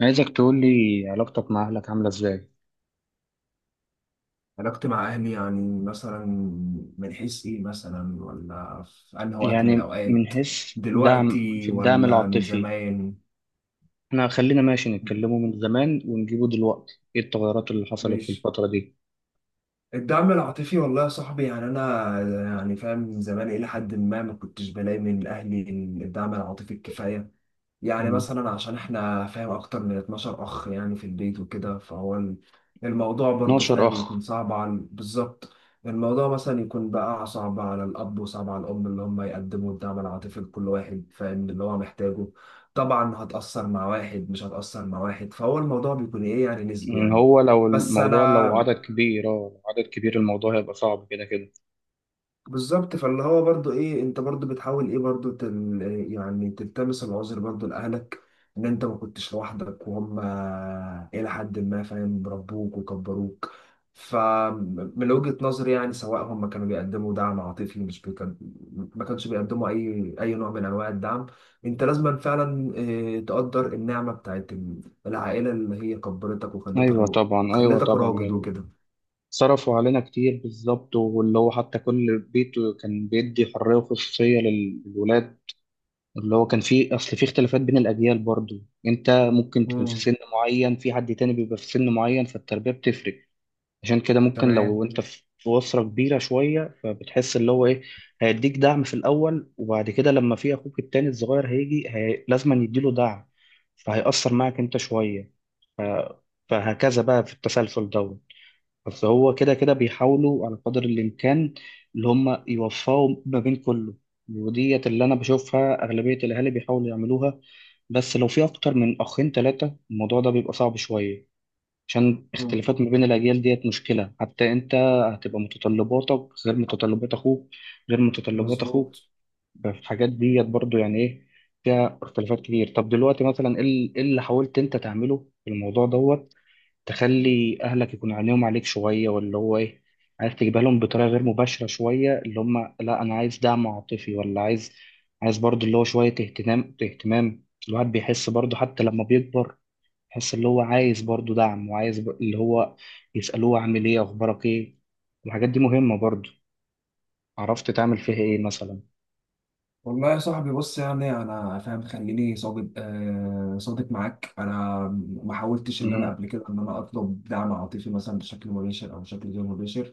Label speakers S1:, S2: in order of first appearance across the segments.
S1: عايزك تقول لي علاقتك مع أهلك عاملة إزاي؟
S2: علاقتي مع أهلي، يعني مثلا من حيث إيه مثلا، ولا في أنهي وقت من
S1: يعني من
S2: الأوقات،
S1: حيث دعم في
S2: دلوقتي
S1: الدعم
S2: ولا من
S1: العاطفي،
S2: زمان؟
S1: إحنا خلينا ماشي نتكلموا من زمان ونجيبه دلوقتي، إيه التغيرات اللي حصلت في
S2: ماشي.
S1: الفترة دي؟
S2: الدعم العاطفي، والله يا صاحبي، يعني أنا يعني فاهم من زمان، إلى حد ما ما كنتش بلاقي من أهلي الدعم العاطفي الكفاية. يعني
S1: مم.
S2: مثلا عشان احنا فاهم اكتر من 12 اخ يعني في البيت وكده، فهو الموضوع برضو
S1: 12
S2: فاهم يكون
S1: أخ،
S2: صعب على، بالظبط. الموضوع مثلا يكون بقى صعب على الاب وصعب على الام، اللي هم يقدموا الدعم العاطفي لكل واحد فاهم اللي هو محتاجه. طبعا هتأثر مع واحد، مش هتأثر مع واحد، فهو الموضوع بيكون ايه، يعني نسبي
S1: مم،
S2: يعني.
S1: هو لو
S2: بس
S1: الموضوع لو عدد
S2: انا،
S1: كبير أه لو عدد كبير الموضوع هيبقى صعب كده كده،
S2: بالظبط، فاللي هو برضو ايه، انت برضو بتحاول ايه، برضو يعني تلتمس العذر برضو لاهلك، ان انت ما كنتش لوحدك، وهم الى حد ما فاهم ربوك وكبروك. فمن وجهة نظري، يعني سواء هم كانوا بيقدموا دعم عاطفي مش بيكن... ما كانش بيقدموا اي نوع من انواع الدعم، انت لازم فعلا آه، تقدر النعمة بتاعت العائلة، اللي هي كبرتك وخلتك
S1: أيوه
S2: را-
S1: طبعا، أيوه
S2: خلتك
S1: طبعا،
S2: راجل
S1: يعني
S2: وكده.
S1: صرفوا علينا كتير بالظبط، واللي هو حتى كل بيت كان بيدي حرية وخصوصية للولاد. اللي هو كان في اصل في اختلافات بين الاجيال برضو. انت ممكن تكون في
S2: امم
S1: سن معين، في حد تاني بيبقى في سن معين، فالتربيه بتفرق. عشان كده ممكن
S2: تمام.
S1: لو انت في اسره كبيره شويه فبتحس اللي هو ايه، هيديك دعم في الاول، وبعد كده لما في اخوك التاني الصغير هيجي هي... لازم يديله دعم، فهيأثر معك انت شويه. ف... فهكذا بقى في التسلسل ده. بس هو كده كده بيحاولوا على قدر الإمكان اللي هم يوفقوا ما بين كله. وديت اللي أنا بشوفها أغلبية الأهالي بيحاولوا يعملوها. بس لو في أكتر من أخين تلاتة الموضوع ده بيبقى صعب شوية، عشان
S2: امم
S1: اختلافات ما بين الأجيال ديت مشكلة. حتى أنت هتبقى متطلباتك غير متطلبات أخوك، غير متطلبات
S2: مظبوط.
S1: أخوك فالحاجات ديت برضو يعني إيه، فيها اختلافات كتير. طب دلوقتي مثلا إيه اللي حاولت أنت تعمله في الموضوع دوت، تخلي اهلك يكون عينيهم عليك شويه، واللي هو ايه، عايز تجيبها لهم بطريقه غير مباشره شويه، اللي هم لا انا عايز دعم عاطفي ولا عايز، عايز برضه اللي هو شويه اهتمام. اهتمام الواحد بيحس برضه حتى لما بيكبر، يحس اللي هو عايز برضه دعم، وعايز اللي هو يسالوه عامل ايه، اخبارك ايه. الحاجات دي مهمه برضه. عرفت تعمل فيها ايه مثلا؟
S2: والله يا صاحبي، بص يعني انا فاهم، خليني صادق آه، صادق معاك. انا ما حاولتش ان انا
S1: امم.
S2: قبل كده ان انا اطلب دعم عاطفي مثلا بشكل مباشر او بشكل غير مباشر.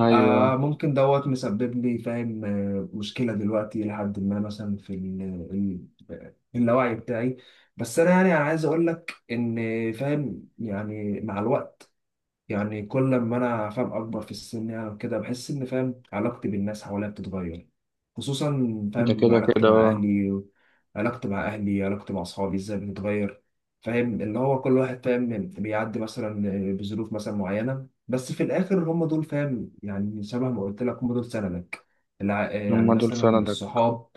S1: ايوه.
S2: آه، ممكن دوت مسبب لي فاهم آه، مشكله دلوقتي، لحد ما مثلا في ال اللاوعي بتاعي. بس انا يعني، انا عايز اقول لك ان فاهم يعني مع الوقت، يعني كل ما انا فاهم اكبر في السن، يعني كده بحس ان فاهم علاقتي بالناس حواليا بتتغير، خصوصا
S1: انت
S2: فاهم
S1: كده
S2: علاقتي
S1: كده
S2: مع
S1: آه.
S2: اهلي. علاقتي مع اهلي، علاقتي مع اصحابي ازاي بتتغير. فاهم اللي هو كل واحد فاهم بيعدي مثلا بظروف مثلا معينة، بس في الاخر هم دول فاهم، يعني شبه ما قلت لك، هم دول سندك. يعني
S1: هم دول
S2: مثلا
S1: سندك.
S2: الصحاب.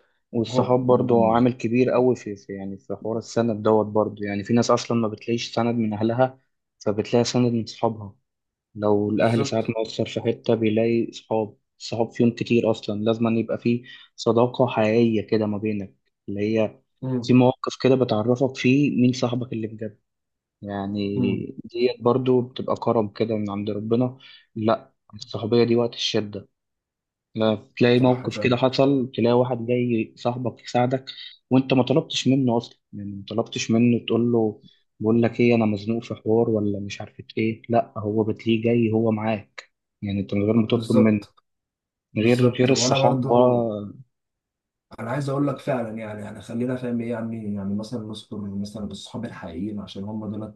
S2: هو
S1: والصحاب برضو
S2: مم.
S1: عامل كبير قوي في يعني في حوار السند دوت برضو. يعني في ناس اصلا ما بتلاقيش سند من اهلها، فبتلاقي سند من صحابها. لو الاهل
S2: بالظبط.
S1: ساعات مقصر في حته بيلاقي صحاب، الصحاب فيهم كتير اصلا، لازم أن يبقى في صداقه حقيقيه كده ما بينك، اللي هي في
S2: مم.
S1: مواقف كده بتعرفك فيه مين صاحبك اللي بجد يعني.
S2: مم.
S1: ديت برضو بتبقى كرم كده من عند ربنا، لا الصحوبيه دي وقت الشده. لا، تلاقي
S2: صح
S1: موقف كده
S2: فاهم.
S1: حصل، تلاقي واحد جاي صاحبك يساعدك، وانت ما طلبتش منه اصلا. يعني ما طلبتش منه تقول له بقول لك ايه، انا مزنوق في حوار ولا مش عارف ايه، لا هو بتلاقيه جاي هو معاك، يعني انت من غير ما تطلب منه.
S2: بالظبط.
S1: غير
S2: بالظبط،
S1: غير
S2: وانا
S1: الصحاب
S2: برضو
S1: بقى.
S2: انا عايز اقول لك فعلا، يعني يعني خلينا فاهم ايه يعني، يعني مثلا نذكر مثلا الصحاب الحقيقيين، عشان هم دول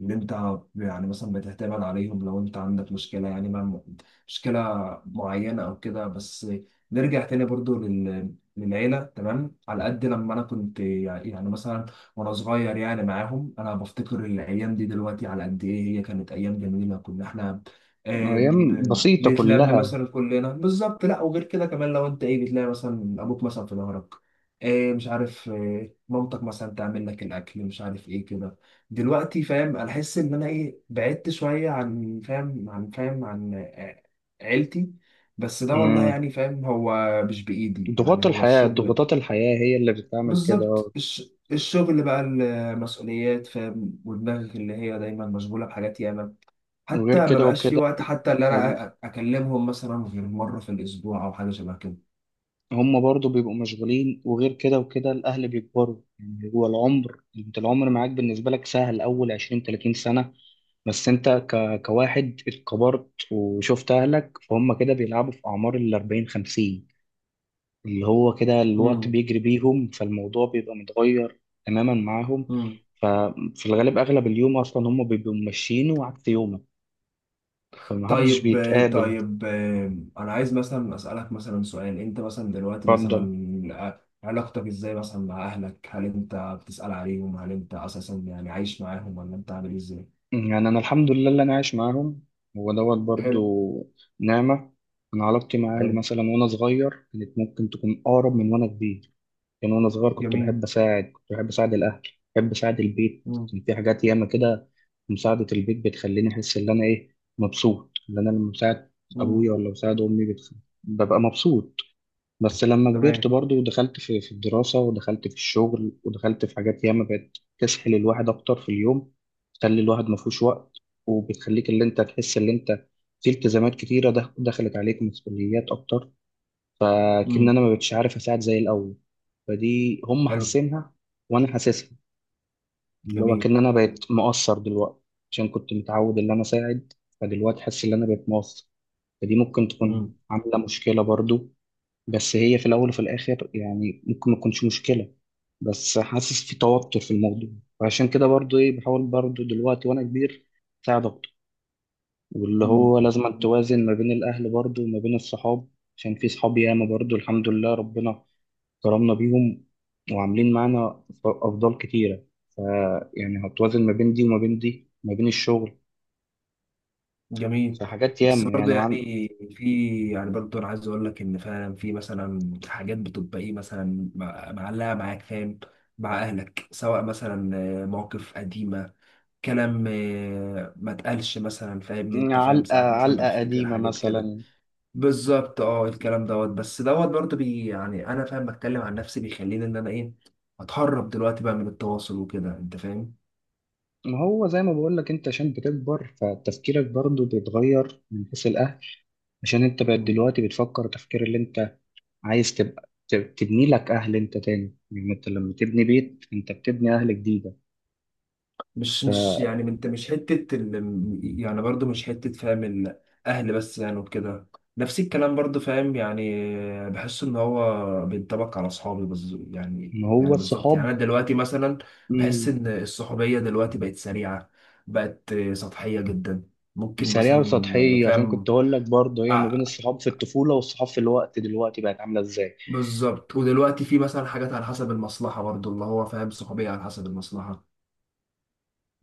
S2: اللي انت يعني مثلا بتعتمد عليهم لو انت عندك مشكلة، يعني مع مشكلة معينة او كده. بس نرجع تاني برضو للعيلة. تمام، على قد لما انا كنت يعني، يعني مثلا وانا صغير يعني معاهم، انا بفتكر الايام دي دلوقتي على قد ايه هي كانت ايام جميلة. كنا احنا
S1: ايام بسيطة
S2: بنتلم
S1: كلها.
S2: مثلا كلنا بالظبط، لا وغير كده كمان، لو انت ايه بتلاقي مثلا ابوك مثلا في ظهرك، آه، مش عارف، آه، مامتك مثلا تعمل لك الاكل، مش عارف ايه كده. دلوقتي فاهم انا احس ان انا ايه بعدت شويه عن فاهم عن فاهم عن آه، عيلتي. بس ده والله
S1: مم.
S2: يعني فاهم هو مش بايدي،
S1: ضغوط
S2: يعني هو
S1: الحياة،
S2: الشغل.
S1: ضغوطات الحياة هي اللي بتعمل كده.
S2: بالظبط. الشغل بقى، المسؤوليات فاهم، ودماغك اللي هي دايما مشغوله بحاجات ياما،
S1: وغير
S2: حتى ما
S1: كده
S2: بقاش في
S1: وكده
S2: وقت، حتى اللي انا اكلمهم مثلا غير مره في الاسبوع او حاجه شبه كده.
S1: هم برضو بيبقوا مشغولين، وغير كده وكده الأهل بيكبروا. يعني هو العمر، أنت العمر معاك بالنسبة لك سهل أول 20 30 سنة، بس أنت كواحد اتكبرت وشفت أهلك فهم كده بيلعبوا في أعمار ال 40 50، اللي هو كده الوقت بيجري بيهم، فالموضوع بيبقى متغير تماما معاهم.
S2: امم
S1: ففي الغالب أغلب اليوم أصلا هم بيبقوا ماشيين وعكس يومك، فمحدش
S2: طيب.
S1: بيتقابل.
S2: طيب، انا عايز مثلا اسالك مثلا سؤال. انت مثلا دلوقتي
S1: اتفضل.
S2: مثلا علاقتك ازاي مثلا مع اهلك؟ هل انت بتسال عليهم؟ هل انت اساسا يعني عايش معاهم ولا انت عامل ازاي؟
S1: يعني أنا الحمد لله اللي أنا عايش معاهم، هو دوت برضو
S2: حلو.
S1: نعمة. أنا علاقتي مع أهلي
S2: حلو.
S1: مثلا وأنا صغير كانت ممكن تكون أقرب من وأنا كبير. يعني وأنا صغير كنت
S2: جميل.
S1: بحب أساعد كنت بحب أساعد الأهل، بحب أساعد البيت،
S2: مم.
S1: كان في حاجات ياما كده. مساعدة البيت بتخليني أحس إن أنا إيه مبسوط، إن أنا لما بساعد
S2: مم.
S1: أبويا ولا بساعد أمي ببقى مبسوط. بس لما كبرت
S2: تمام.
S1: برضو ودخلت في الدراسة، ودخلت في الشغل، ودخلت في حاجات ياما بقت تسحل الواحد أكتر في اليوم، تخلي الواحد مفهوش وقت، وبتخليك اللي أنت تحس اللي أنت في التزامات كتيرة، دخلت عليك مسؤوليات أكتر، فكأن
S2: مم.
S1: أنا ما بقتش عارف أساعد زي الأول. فدي هم
S2: حلو.
S1: حاسينها وأنا حاسسها، اللي هو
S2: جميل.
S1: كأن أنا بقيت مقصر دلوقتي، عشان كنت متعود إن أنا أساعد، فدلوقتي حاسس إن أنا بقيت مقصر. فدي ممكن تكون
S2: مم.
S1: عاملة مشكلة برضو، بس هي في الأول وفي الآخر يعني ممكن ما تكونش مشكلة، بس حاسس في توتر في الموضوع. وعشان كده برضو إيه بحاول برضو دلوقتي وأنا كبير أساعد أكتر، واللي
S2: مم.
S1: هو لازم أن توازن ما بين الأهل برضو وما بين الصحاب، عشان في صحاب ياما برضو الحمد لله ربنا كرمنا بيهم، وعاملين معانا أفضال كتيرة. ف يعني هتوازن ما بين دي وما بين دي، ما بين الشغل،
S2: جميل.
S1: فحاجات
S2: بس
S1: ياما
S2: برضه
S1: يعني مع...
S2: يعني، في يعني برضه انا عايز اقول لك ان فعلا في مثلا حاجات بتبقى ايه مثلا معلقه معاك فاهم، مع اهلك، سواء مثلا آه، مواقف قديمه، كلام آه، ما اتقالش مثلا، فاهم ان انت فاهم
S1: علقة
S2: ساعات مثلا
S1: علقة
S2: بتفتكر
S1: قديمة
S2: حاجات كده.
S1: مثلا.
S2: بالظبط اه. الكلام دوت، بس دوت برضه بي، يعني انا فاهم بتكلم عن نفسي، بيخليني ان انا ايه اتهرب دلوقتي بقى من التواصل وكده، انت فاهم.
S1: ما هو زي ما بقول لك انت، عشان بتكبر فتفكيرك برضو بيتغير من حيث الاهل. عشان انت بقى دلوقتي بتفكر تفكير اللي انت عايز تبقى تبني لك اهل انت تاني. يعني انت لما تبني بيت انت بتبني اهل جديده.
S2: مش يعني انت مش حتة ال... يعني برضو مش حتة فاهم الأهل بس، يعني وكده. نفس الكلام برضو فاهم، يعني بحس إن هو بينطبق على أصحابي يعني
S1: ما هو
S2: يعني بالظبط، يعني
S1: الصحاب،
S2: أنا دلوقتي مثلا
S1: مم،
S2: بحس إن الصحوبية دلوقتي بقت سريعة، بقت سطحية جدا. ممكن
S1: سريعه
S2: مثلا
S1: وسطحيه، عشان
S2: فاهم
S1: كنت اقول لك برضو هي ما بين
S2: آه،
S1: الصحاب في الطفوله والصحاب في الوقت دلوقتي بقت عامله ازاي.
S2: بالظبط. ودلوقتي في مثلا حاجات على حسب المصلحة برضو، اللي هو فاهم صحوبية على حسب المصلحة.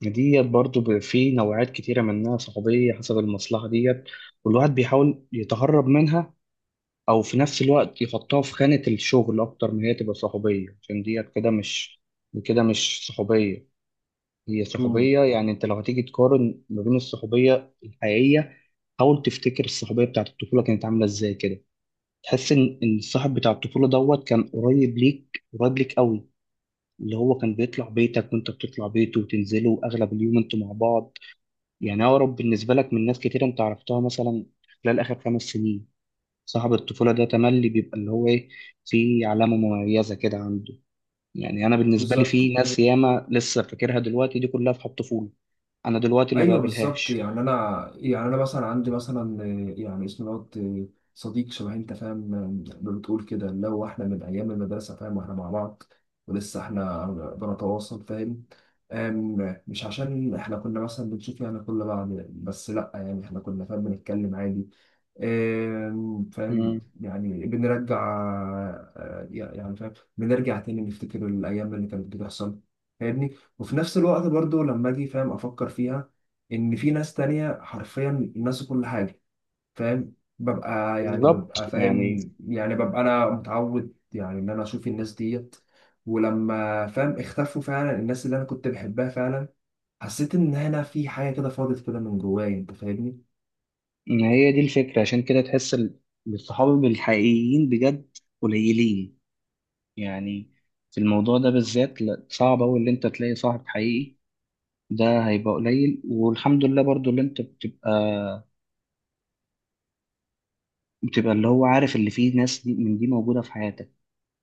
S1: ديت برضو بقى في نوعات كتيره منها صحوبيه حسب المصلحه ديت، والواحد بيحاول يتهرب منها، او في نفس الوقت يحطها في خانة الشغل اكتر من هي تبقى صحوبية، عشان دي كده مش كده مش صحوبية. هي
S2: مم.
S1: صحوبية، يعني انت لو هتيجي تقارن ما بين الصحوبية الحقيقية، حاول تفتكر الصحوبية بتاعت الطفولة كانت عاملة ازاي كده. تحس ان إن الصاحب بتاع الطفولة دوت كان قريب ليك، قريب ليك قوي، اللي هو كان بيطلع بيتك وانت بتطلع بيته، وتنزلوا اغلب اليوم انتوا مع بعض، يعني اقرب بالنسبة لك من ناس كتير انت عرفتها مثلا خلال اخر 5 سنين. صاحب الطفولة ده تملي بيبقى اللي هو إيه، في علامة مميزة كده عنده. يعني أنا بالنسبة لي
S2: بالظبط.
S1: في ناس ياما لسه فاكرها دلوقتي، دي كلها في الطفولة، أنا دلوقتي ما
S2: ايوه بالظبط،
S1: بقابلهاش.
S2: يعني انا، يعني انا مثلا عندي مثلا آه، يعني اسمه دوت آه، صديق شبه انت فاهم آه، ما بتقول كده، اللي هو احنا من ايام المدرسه فاهم، واحنا مع بعض ولسه احنا بنتواصل فاهم. مش عشان احنا كنا مثلا بنشوف يعني كل بعض، بس لا، يعني احنا كنا فاهم بنتكلم عادي. فاهم
S1: مم.
S2: يعني بنرجع آه، يعني فاهم بنرجع تاني نفتكر الأيام اللي كانت بتحصل، فاهمني. وفي نفس الوقت برضو، لما أجي فاهم أفكر فيها إن في ناس تانية حرفيا ناسوا كل حاجة، فاهم. ببقى يعني
S1: بالظبط
S2: ببقى
S1: يعني،
S2: فاهم، يعني ببقى أنا متعود يعني إن أنا أشوف الناس ديت، ولما فاهم اختفوا فعلا الناس اللي أنا كنت بحبها فعلا، حسيت إن هنا في حاجة كده فاضت كده من جوايا، أنت فاهمني.
S1: إن هي دي الفكرة. عشان كده تحس الصحاب الحقيقيين بجد قليلين يعني. في الموضوع ده بالذات لا، صعب أوي اللي أنت تلاقي صاحب حقيقي، ده هيبقى قليل. والحمد لله برضو اللي أنت بتبقى اللي هو عارف اللي فيه ناس دي من دي موجودة في حياتك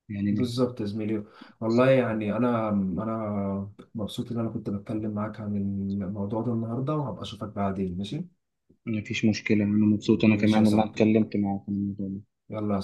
S1: يعني.
S2: بالظبط يا زميلي. والله يعني انا مبسوط ان انا كنت بتكلم معاك عن الموضوع ده النهارده، وهبقى اشوفك بعدين، ماشي.
S1: مفيش مشكلة، أنا مبسوط، أنا
S2: ماشي يا
S1: كمان والله
S2: صاحبي.
S1: اتكلمت معاك عن الموضوع ده
S2: يلا.